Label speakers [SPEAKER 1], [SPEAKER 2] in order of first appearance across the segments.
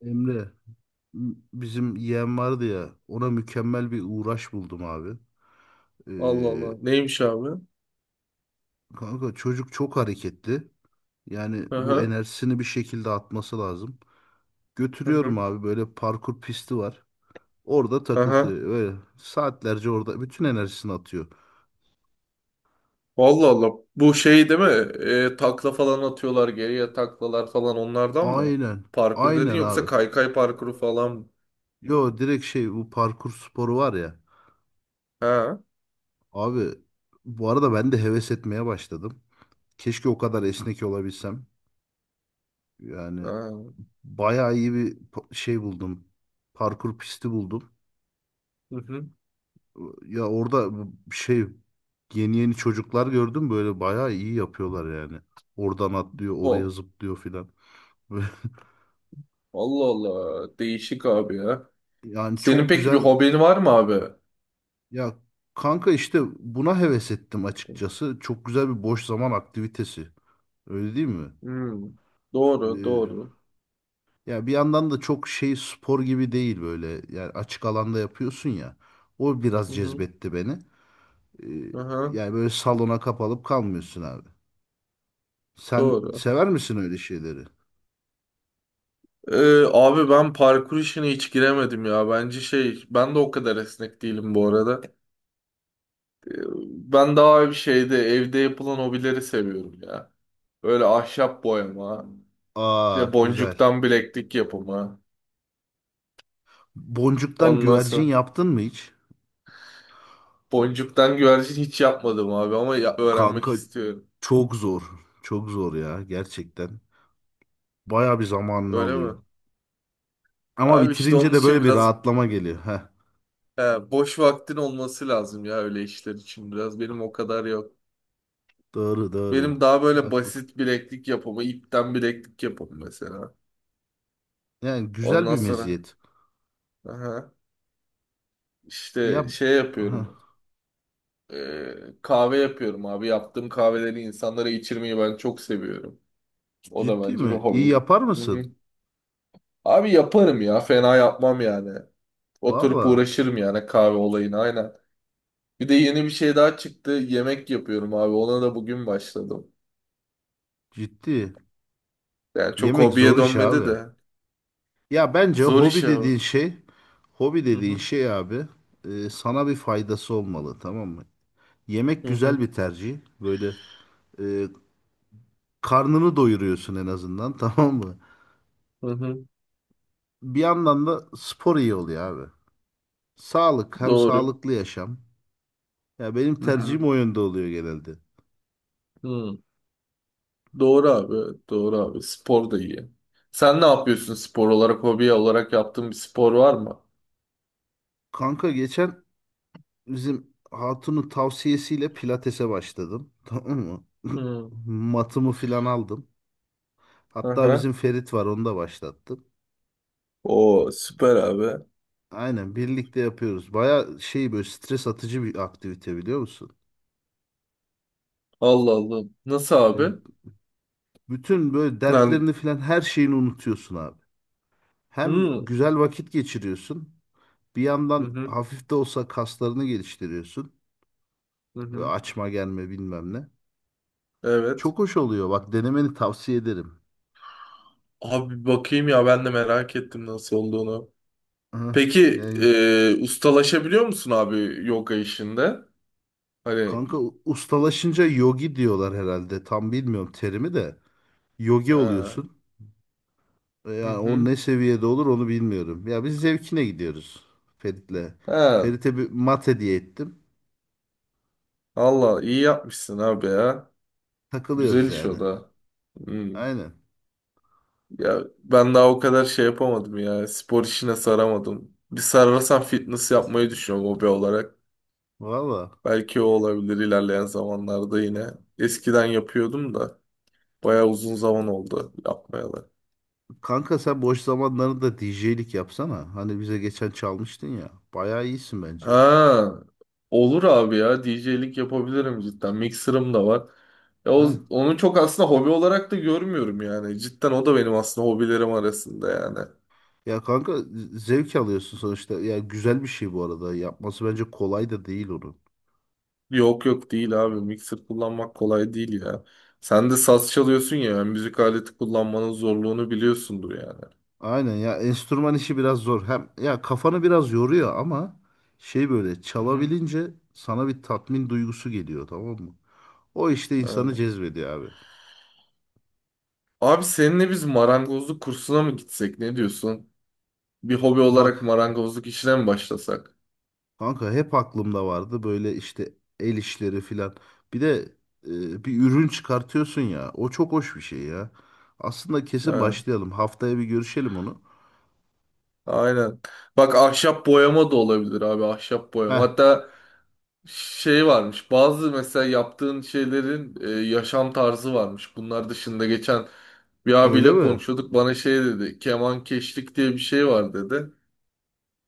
[SPEAKER 1] Emre, bizim yeğen vardı ya ona mükemmel bir uğraş buldum abi.
[SPEAKER 2] Allah
[SPEAKER 1] Ee,
[SPEAKER 2] Allah. Neymiş abi?
[SPEAKER 1] kanka çocuk çok hareketli. Yani
[SPEAKER 2] Hı
[SPEAKER 1] bu
[SPEAKER 2] hı.
[SPEAKER 1] enerjisini bir şekilde atması lazım.
[SPEAKER 2] Hı
[SPEAKER 1] Götürüyorum
[SPEAKER 2] hı.
[SPEAKER 1] abi böyle parkur pisti var. Orada
[SPEAKER 2] Hı hı.
[SPEAKER 1] takıltı öyle saatlerce orada bütün enerjisini atıyor.
[SPEAKER 2] Allah Allah. Bu şey değil mi? Takla falan atıyorlar, geriye taklalar falan, onlardan mı?
[SPEAKER 1] Aynen
[SPEAKER 2] Parkur dedin,
[SPEAKER 1] aynen
[SPEAKER 2] yoksa
[SPEAKER 1] abi.
[SPEAKER 2] kaykay parkuru falan mı?
[SPEAKER 1] Yo direkt şey bu parkur sporu var ya.
[SPEAKER 2] Ha.
[SPEAKER 1] Abi bu arada ben de heves etmeye başladım. Keşke o kadar esnek olabilsem. Yani
[SPEAKER 2] Ha.
[SPEAKER 1] bayağı iyi bir şey buldum. Parkur pisti buldum.
[SPEAKER 2] Hı hı.
[SPEAKER 1] Ya orada bu şey yeni yeni çocuklar gördüm böyle bayağı iyi yapıyorlar yani. Oradan atlıyor, oraya
[SPEAKER 2] Ol.
[SPEAKER 1] zıplıyor filan. Böyle-
[SPEAKER 2] Allah Allah. Değişik abi ya.
[SPEAKER 1] Yani
[SPEAKER 2] Senin
[SPEAKER 1] çok
[SPEAKER 2] peki bir
[SPEAKER 1] güzel.
[SPEAKER 2] hobin var mı abi?
[SPEAKER 1] Ya kanka işte buna heves ettim açıkçası. Çok güzel bir boş zaman aktivitesi. Öyle değil mi?
[SPEAKER 2] Hmm. Doğru,
[SPEAKER 1] Ee,
[SPEAKER 2] doğru.
[SPEAKER 1] ya bir yandan da çok şey spor gibi değil böyle. Yani açık alanda yapıyorsun ya. O
[SPEAKER 2] Hı
[SPEAKER 1] biraz
[SPEAKER 2] hı.
[SPEAKER 1] cezbetti beni. Ee,
[SPEAKER 2] Hı hı.
[SPEAKER 1] yani böyle salona kapalıp kalmıyorsun abi. Sen
[SPEAKER 2] Doğru.
[SPEAKER 1] sever misin öyle şeyleri?
[SPEAKER 2] Abi ben parkur işine hiç giremedim ya. Bence şey, ben de o kadar esnek değilim bu arada. Ben daha bir şeyde evde yapılan hobileri seviyorum ya. Böyle ahşap boyama, işte
[SPEAKER 1] Aa güzel.
[SPEAKER 2] boncuktan bileklik yapımı.
[SPEAKER 1] Boncuktan
[SPEAKER 2] Ondan
[SPEAKER 1] güvercin
[SPEAKER 2] sonra
[SPEAKER 1] yaptın mı hiç?
[SPEAKER 2] boncuktan güvercin hiç yapmadım abi ama ya- öğrenmek
[SPEAKER 1] Kanka
[SPEAKER 2] istiyorum.
[SPEAKER 1] çok zor. Çok zor ya gerçekten. Baya bir zamanını
[SPEAKER 2] Öyle mi?
[SPEAKER 1] alıyor. Ama
[SPEAKER 2] Abi işte
[SPEAKER 1] bitirince
[SPEAKER 2] onun
[SPEAKER 1] de
[SPEAKER 2] için
[SPEAKER 1] böyle bir
[SPEAKER 2] biraz
[SPEAKER 1] rahatlama geliyor. Heh,
[SPEAKER 2] he, boş vaktin olması lazım ya öyle işler için biraz. Benim o kadar yok.
[SPEAKER 1] doğru doğru.
[SPEAKER 2] Benim daha böyle
[SPEAKER 1] Haklısın.
[SPEAKER 2] basit bileklik yapımı, ipten bileklik yapımı mesela.
[SPEAKER 1] Yani güzel
[SPEAKER 2] Ondan
[SPEAKER 1] bir
[SPEAKER 2] sonra
[SPEAKER 1] meziyet.
[SPEAKER 2] aha,
[SPEAKER 1] Ya
[SPEAKER 2] işte şey
[SPEAKER 1] heh,
[SPEAKER 2] yapıyorum. Ee, Kahve yapıyorum abi. Yaptığım kahveleri insanlara içirmeyi ben çok seviyorum. O da
[SPEAKER 1] ciddi
[SPEAKER 2] bence bir
[SPEAKER 1] mi? İyi
[SPEAKER 2] hobim.
[SPEAKER 1] yapar
[SPEAKER 2] Hı hı.
[SPEAKER 1] mısın?
[SPEAKER 2] Abi yaparım ya. Fena yapmam yani. Oturup
[SPEAKER 1] Valla
[SPEAKER 2] uğraşırım yani kahve olayına, aynen. Bir de yeni bir şey daha çıktı. Yemek yapıyorum abi. Ona da bugün başladım.
[SPEAKER 1] ciddi.
[SPEAKER 2] Yani çok
[SPEAKER 1] Yemek zor
[SPEAKER 2] hobiye
[SPEAKER 1] iş
[SPEAKER 2] dönmedi
[SPEAKER 1] abi.
[SPEAKER 2] de.
[SPEAKER 1] Ya bence
[SPEAKER 2] Zor iş
[SPEAKER 1] hobi
[SPEAKER 2] abi.
[SPEAKER 1] dediğin şey, hobi
[SPEAKER 2] Hı
[SPEAKER 1] dediğin
[SPEAKER 2] hı.
[SPEAKER 1] şey abi, sana bir faydası olmalı, tamam mı? Yemek
[SPEAKER 2] Hı
[SPEAKER 1] güzel
[SPEAKER 2] hı.
[SPEAKER 1] bir tercih. Böyle e, karnını doyuruyorsun en azından, tamam mı?
[SPEAKER 2] Hı hı.
[SPEAKER 1] Bir yandan da spor iyi oluyor abi. Sağlık hem
[SPEAKER 2] Doğru.
[SPEAKER 1] sağlıklı yaşam. Ya benim
[SPEAKER 2] Hı hı.
[SPEAKER 1] tercihim o yönde oluyor genelde.
[SPEAKER 2] Hı. Doğru abi. Evet, doğru abi. Spor da iyi. Sen ne yapıyorsun spor olarak, hobi olarak yaptığın bir spor var mı?
[SPEAKER 1] Kanka geçen bizim hatunun tavsiyesiyle pilatese başladım, tamam mı?
[SPEAKER 2] Hı.
[SPEAKER 1] Matımı filan aldım. Hatta
[SPEAKER 2] Aha.
[SPEAKER 1] bizim Ferit var onu da başlattım.
[SPEAKER 2] O süper abi.
[SPEAKER 1] Aynen birlikte yapıyoruz. Baya şey böyle stres atıcı bir aktivite, biliyor musun?
[SPEAKER 2] Allah Allah. Nasıl
[SPEAKER 1] E,
[SPEAKER 2] abi?
[SPEAKER 1] Bütün böyle
[SPEAKER 2] Lan.
[SPEAKER 1] dertlerini falan her şeyini unutuyorsun abi. Hem
[SPEAKER 2] Hı.
[SPEAKER 1] güzel vakit geçiriyorsun. Bir
[SPEAKER 2] Hı
[SPEAKER 1] yandan
[SPEAKER 2] hı.
[SPEAKER 1] hafif de olsa kaslarını geliştiriyorsun.
[SPEAKER 2] Hı
[SPEAKER 1] Böyle
[SPEAKER 2] hı.
[SPEAKER 1] açma gelme bilmem ne.
[SPEAKER 2] Evet.
[SPEAKER 1] Çok hoş oluyor. Bak denemeni tavsiye ederim.
[SPEAKER 2] Abi bakayım ya, ben de merak ettim nasıl olduğunu.
[SPEAKER 1] Hı,
[SPEAKER 2] Peki
[SPEAKER 1] Yani
[SPEAKER 2] ustalaşabiliyor musun abi yoga işinde? Hani
[SPEAKER 1] kanka ustalaşınca yogi diyorlar herhalde. Tam bilmiyorum terimi de. Yogi
[SPEAKER 2] ha.
[SPEAKER 1] oluyorsun.
[SPEAKER 2] Hı
[SPEAKER 1] Yani o
[SPEAKER 2] hı.
[SPEAKER 1] ne seviyede olur onu bilmiyorum. Ya biz zevkine gidiyoruz Ferit'le.
[SPEAKER 2] Ha.
[SPEAKER 1] Ferit'e bir mat hediye ettim.
[SPEAKER 2] Allah iyi yapmışsın abi ya. Güzel
[SPEAKER 1] Takılıyoruz
[SPEAKER 2] iş
[SPEAKER 1] yani.
[SPEAKER 2] o da. Hı.
[SPEAKER 1] Aynen.
[SPEAKER 2] Ya ben daha o kadar şey yapamadım ya. Spor işine saramadım. Bir sarılsam fitness yapmayı düşünüyorum hobi olarak.
[SPEAKER 1] Valla.
[SPEAKER 2] Belki o olabilir ilerleyen zamanlarda yine. Eskiden yapıyordum da bayağı uzun zaman oldu yapmayalı.
[SPEAKER 1] Kanka sen boş zamanlarında DJ'lik yapsana. Hani bize geçen çalmıştın ya. Bayağı iyisin bence.
[SPEAKER 2] Ha, olur abi ya, DJ'lik yapabilirim cidden. Mixer'ım da var. Ya o,
[SPEAKER 1] Ha?
[SPEAKER 2] onu çok aslında hobi olarak da görmüyorum yani. Cidden o da benim aslında hobilerim arasında yani.
[SPEAKER 1] Ya kanka zevk alıyorsun sonuçta. Ya güzel bir şey bu arada. Yapması bence kolay da değil onu.
[SPEAKER 2] Yok yok, değil abi. Mixer kullanmak kolay değil ya. Sen de saz çalıyorsun ya, yani müzik aleti kullanmanın zorluğunu biliyorsundur yani.
[SPEAKER 1] Aynen ya enstrüman işi biraz zor. Hem ya kafanı biraz yoruyor ama şey böyle
[SPEAKER 2] Hı hı.
[SPEAKER 1] çalabilince sana bir tatmin duygusu geliyor, tamam mı? O işte insanı
[SPEAKER 2] Ha.
[SPEAKER 1] cezbediyor abi.
[SPEAKER 2] Abi seninle biz marangozluk kursuna mı gitsek? Ne diyorsun? Bir hobi
[SPEAKER 1] Bak
[SPEAKER 2] olarak marangozluk işine mi başlasak?
[SPEAKER 1] kanka hep aklımda vardı böyle işte el işleri filan. Bir de bir ürün çıkartıyorsun ya. O çok hoş bir şey ya. Aslında kesin
[SPEAKER 2] Ha,
[SPEAKER 1] başlayalım. Haftaya bir görüşelim onu.
[SPEAKER 2] aynen. Bak ahşap boyama da olabilir abi, ahşap boyama.
[SPEAKER 1] Heh,
[SPEAKER 2] Hatta şey varmış, bazı mesela yaptığın şeylerin yaşam tarzı varmış. Bunlar dışında geçen bir
[SPEAKER 1] öyle
[SPEAKER 2] abiyle
[SPEAKER 1] mi?
[SPEAKER 2] konuşuyorduk, bana şey dedi, keman keşlik diye bir şey var dedi.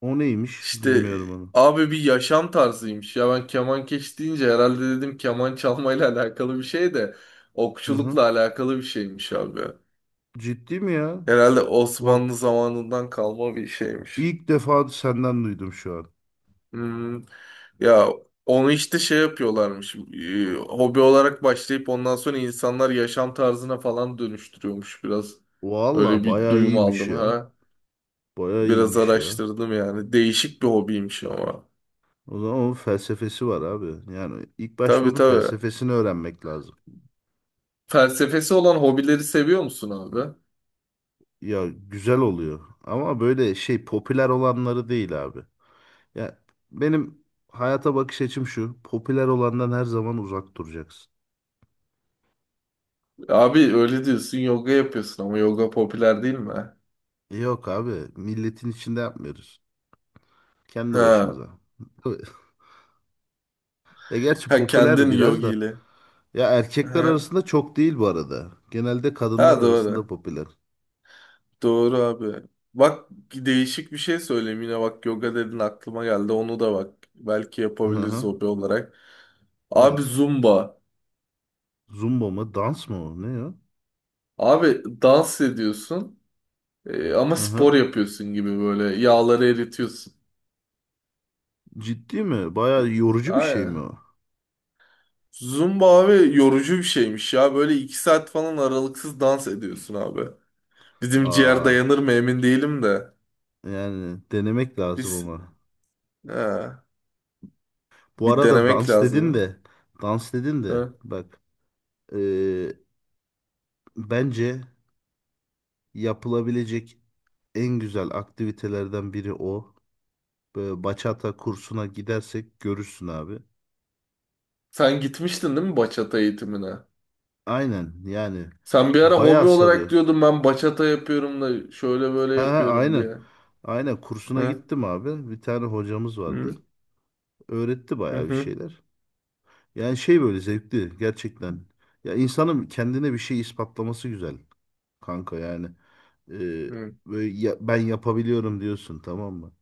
[SPEAKER 1] O neymiş?
[SPEAKER 2] İşte
[SPEAKER 1] Bilmiyorum onu.
[SPEAKER 2] abi bir yaşam tarzıymış ya, ben keman keş deyince herhalde dedim keman çalmayla alakalı bir şey de
[SPEAKER 1] Hı hı.
[SPEAKER 2] okçulukla alakalı bir şeymiş abi.
[SPEAKER 1] Ciddi mi ya?
[SPEAKER 2] Herhalde
[SPEAKER 1] Bak,
[SPEAKER 2] Osmanlı zamanından kalma bir şeymiş.
[SPEAKER 1] İlk defa senden duydum şu an.
[SPEAKER 2] Hmm. Ya onu işte şey yapıyorlarmış. Hobi olarak başlayıp ondan sonra insanlar yaşam tarzına falan dönüştürüyormuş biraz.
[SPEAKER 1] Valla
[SPEAKER 2] Öyle bir
[SPEAKER 1] bayağı
[SPEAKER 2] duyum
[SPEAKER 1] iyiymiş
[SPEAKER 2] aldım
[SPEAKER 1] ya.
[SPEAKER 2] ha.
[SPEAKER 1] Bayağı
[SPEAKER 2] Biraz
[SPEAKER 1] iyiymiş ya.
[SPEAKER 2] araştırdım yani. Değişik bir hobiymiş ama.
[SPEAKER 1] O zaman onun felsefesi var abi. Yani ilk başta
[SPEAKER 2] Tabii
[SPEAKER 1] onun
[SPEAKER 2] tabii.
[SPEAKER 1] felsefesini öğrenmek lazım.
[SPEAKER 2] Felsefesi olan hobileri seviyor musun abi?
[SPEAKER 1] Ya güzel oluyor. Ama böyle şey popüler olanları değil abi. Ya benim hayata bakış açım şu. Popüler olandan her zaman uzak duracaksın.
[SPEAKER 2] Abi öyle diyorsun, yoga yapıyorsun, ama yoga popüler değil mi?
[SPEAKER 1] Yok abi milletin içinde yapmıyoruz. Kendi
[SPEAKER 2] Ha.
[SPEAKER 1] başımıza. E gerçi
[SPEAKER 2] Ha,
[SPEAKER 1] popüler
[SPEAKER 2] kendin
[SPEAKER 1] biraz da.
[SPEAKER 2] yogiyle.
[SPEAKER 1] Ya erkekler
[SPEAKER 2] Ha.
[SPEAKER 1] arasında çok değil bu arada. Genelde kadınlar
[SPEAKER 2] Ha
[SPEAKER 1] arasında
[SPEAKER 2] doğru.
[SPEAKER 1] popüler.
[SPEAKER 2] Doğru abi. Bak, değişik bir şey söyleyeyim yine, bak yoga dedin aklıma geldi, onu da bak belki yapabiliriz
[SPEAKER 1] Hı-hı.
[SPEAKER 2] hobi olarak. Abi
[SPEAKER 1] Evet.
[SPEAKER 2] zumba.
[SPEAKER 1] Zumba mı? Dans mı o? Ne ya?
[SPEAKER 2] Abi dans ediyorsun ama spor
[SPEAKER 1] Hı-hı.
[SPEAKER 2] yapıyorsun gibi, böyle yağları eritiyorsun.
[SPEAKER 1] Ciddi mi? Bayağı yorucu bir şey mi
[SPEAKER 2] Aynen.
[SPEAKER 1] o?
[SPEAKER 2] Zumba abi yorucu bir şeymiş ya, böyle iki saat falan aralıksız dans ediyorsun abi. Bizim ciğer
[SPEAKER 1] Aa,
[SPEAKER 2] dayanır mı emin değilim de.
[SPEAKER 1] yani denemek lazım
[SPEAKER 2] Biz
[SPEAKER 1] ama.
[SPEAKER 2] ha,
[SPEAKER 1] Bu
[SPEAKER 2] bir
[SPEAKER 1] arada dans
[SPEAKER 2] denemek
[SPEAKER 1] dedin
[SPEAKER 2] lazım.
[SPEAKER 1] de, dans dedin de
[SPEAKER 2] Ha.
[SPEAKER 1] bak, eee, bence yapılabilecek en güzel aktivitelerden biri o. Böyle bachata kursuna gidersek görürsün abi.
[SPEAKER 2] Sen gitmiştin değil mi bachata eğitimine?
[SPEAKER 1] Aynen yani
[SPEAKER 2] Sen bir ara
[SPEAKER 1] bayağı
[SPEAKER 2] hobi
[SPEAKER 1] sarıyor.
[SPEAKER 2] olarak diyordun ben bachata yapıyorum da şöyle böyle
[SPEAKER 1] Ha, ha,
[SPEAKER 2] yapıyorum
[SPEAKER 1] aynen.
[SPEAKER 2] diye.
[SPEAKER 1] Aynen kursuna
[SPEAKER 2] Ha?
[SPEAKER 1] gittim abi. Bir tane hocamız vardı.
[SPEAKER 2] Hı,
[SPEAKER 1] Öğretti
[SPEAKER 2] hı,
[SPEAKER 1] bayağı bir
[SPEAKER 2] hı,
[SPEAKER 1] şeyler. Yani şey böyle zevkli gerçekten. Ya insanın kendine bir şey ispatlaması güzel kanka yani. Ee,
[SPEAKER 2] hı.
[SPEAKER 1] böyle ben yapabiliyorum diyorsun, tamam mı?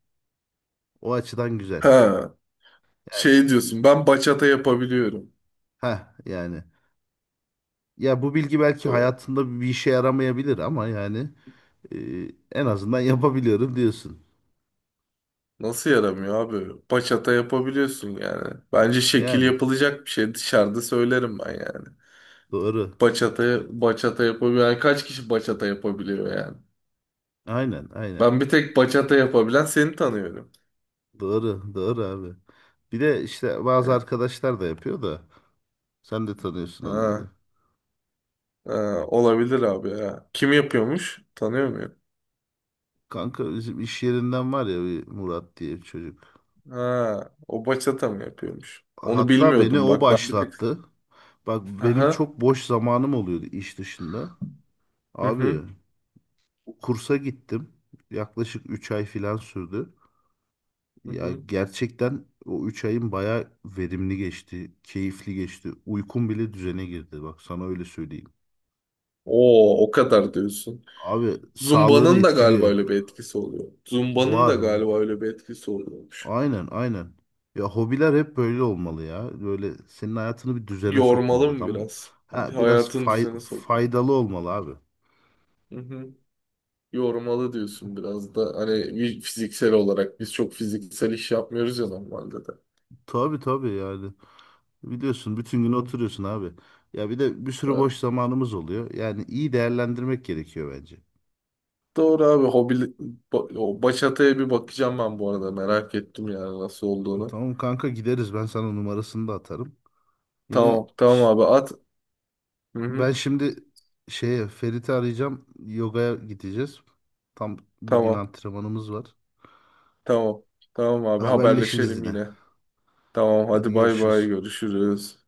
[SPEAKER 1] O açıdan güzel.
[SPEAKER 2] Ha,
[SPEAKER 1] Yani
[SPEAKER 2] şey diyorsun, ben bachata yapabiliyorum.
[SPEAKER 1] ha yani ya bu bilgi belki
[SPEAKER 2] Doğru.
[SPEAKER 1] hayatında bir işe yaramayabilir ama yani, e, en azından yapabiliyorum diyorsun.
[SPEAKER 2] Nasıl yaramıyor abi? Bachata yapabiliyorsun yani. Bence şekil
[SPEAKER 1] Yani
[SPEAKER 2] yapılacak bir şey, dışarıda söylerim ben yani.
[SPEAKER 1] doğru.
[SPEAKER 2] Bachata, bachata yapabiliyor. Yani kaç kişi bachata yapabiliyor yani?
[SPEAKER 1] Aynen aynen.
[SPEAKER 2] Ben bir tek bachata yapabilen seni tanıyorum.
[SPEAKER 1] Doğru, doğru abi. Bir de işte bazı
[SPEAKER 2] Ha,
[SPEAKER 1] arkadaşlar da yapıyor da sen de tanıyorsun
[SPEAKER 2] ha,
[SPEAKER 1] onları.
[SPEAKER 2] ha, olabilir abi ya. Kim yapıyormuş? Tanıyor muyum?
[SPEAKER 1] Kanka bizim iş yerinden var ya bir Murat diye bir çocuk.
[SPEAKER 2] Ha, o bachata mı yapıyormuş? Onu
[SPEAKER 1] Hatta beni
[SPEAKER 2] bilmiyordum
[SPEAKER 1] o
[SPEAKER 2] bak, ben bir tek.
[SPEAKER 1] başlattı. Bak benim
[SPEAKER 2] Aha.
[SPEAKER 1] çok boş zamanım oluyordu iş dışında.
[SPEAKER 2] Hı
[SPEAKER 1] Abi
[SPEAKER 2] hı.
[SPEAKER 1] kursa gittim. Yaklaşık 3 ay falan sürdü.
[SPEAKER 2] Hı
[SPEAKER 1] Ya
[SPEAKER 2] hı.
[SPEAKER 1] gerçekten o 3 ayın bayağı verimli geçti, keyifli geçti. Uykum bile düzene girdi. Bak sana öyle söyleyeyim.
[SPEAKER 2] Oo, o kadar diyorsun.
[SPEAKER 1] Abi sağlığını
[SPEAKER 2] Zumba'nın da galiba
[SPEAKER 1] etkiliyor.
[SPEAKER 2] öyle bir etkisi oluyor. Zumba'nın
[SPEAKER 1] Var.
[SPEAKER 2] da galiba öyle bir etkisi oluyormuş.
[SPEAKER 1] Aynen aynen. Ya hobiler hep böyle olmalı ya. Böyle senin hayatını bir düzene
[SPEAKER 2] Yormalı
[SPEAKER 1] sokmalı,
[SPEAKER 2] mı
[SPEAKER 1] tamam.
[SPEAKER 2] biraz? Hani
[SPEAKER 1] Ha, biraz
[SPEAKER 2] hayatın düzene sokmalı.
[SPEAKER 1] faydalı olmalı abi.
[SPEAKER 2] Hı hı. Yormalı diyorsun biraz da. Hani bir fiziksel olarak biz çok fiziksel iş yapmıyoruz ya normalde de.
[SPEAKER 1] Tabii tabii yani. Biliyorsun bütün gün
[SPEAKER 2] Hı.
[SPEAKER 1] oturuyorsun abi. Ya bir de bir sürü
[SPEAKER 2] Da-
[SPEAKER 1] boş zamanımız oluyor. Yani iyi değerlendirmek gerekiyor bence.
[SPEAKER 2] doğru abi hobi ba- o bachata'ya bir bakacağım ben, bu arada merak ettim yani nasıl olduğunu.
[SPEAKER 1] Tamam kanka gideriz. Ben sana numarasını da atarım. Yine
[SPEAKER 2] Tamam tamam abi, at. Hı-hı.
[SPEAKER 1] ben şimdi şeye Ferit'i arayacağım. Yogaya gideceğiz. Tam bugün
[SPEAKER 2] Tamam
[SPEAKER 1] antrenmanımız var.
[SPEAKER 2] tamam, tamam abi,
[SPEAKER 1] Haberleşiriz
[SPEAKER 2] haberleşelim
[SPEAKER 1] yine.
[SPEAKER 2] yine. Tamam,
[SPEAKER 1] Hadi
[SPEAKER 2] hadi bay
[SPEAKER 1] görüşürüz.
[SPEAKER 2] bay, görüşürüz.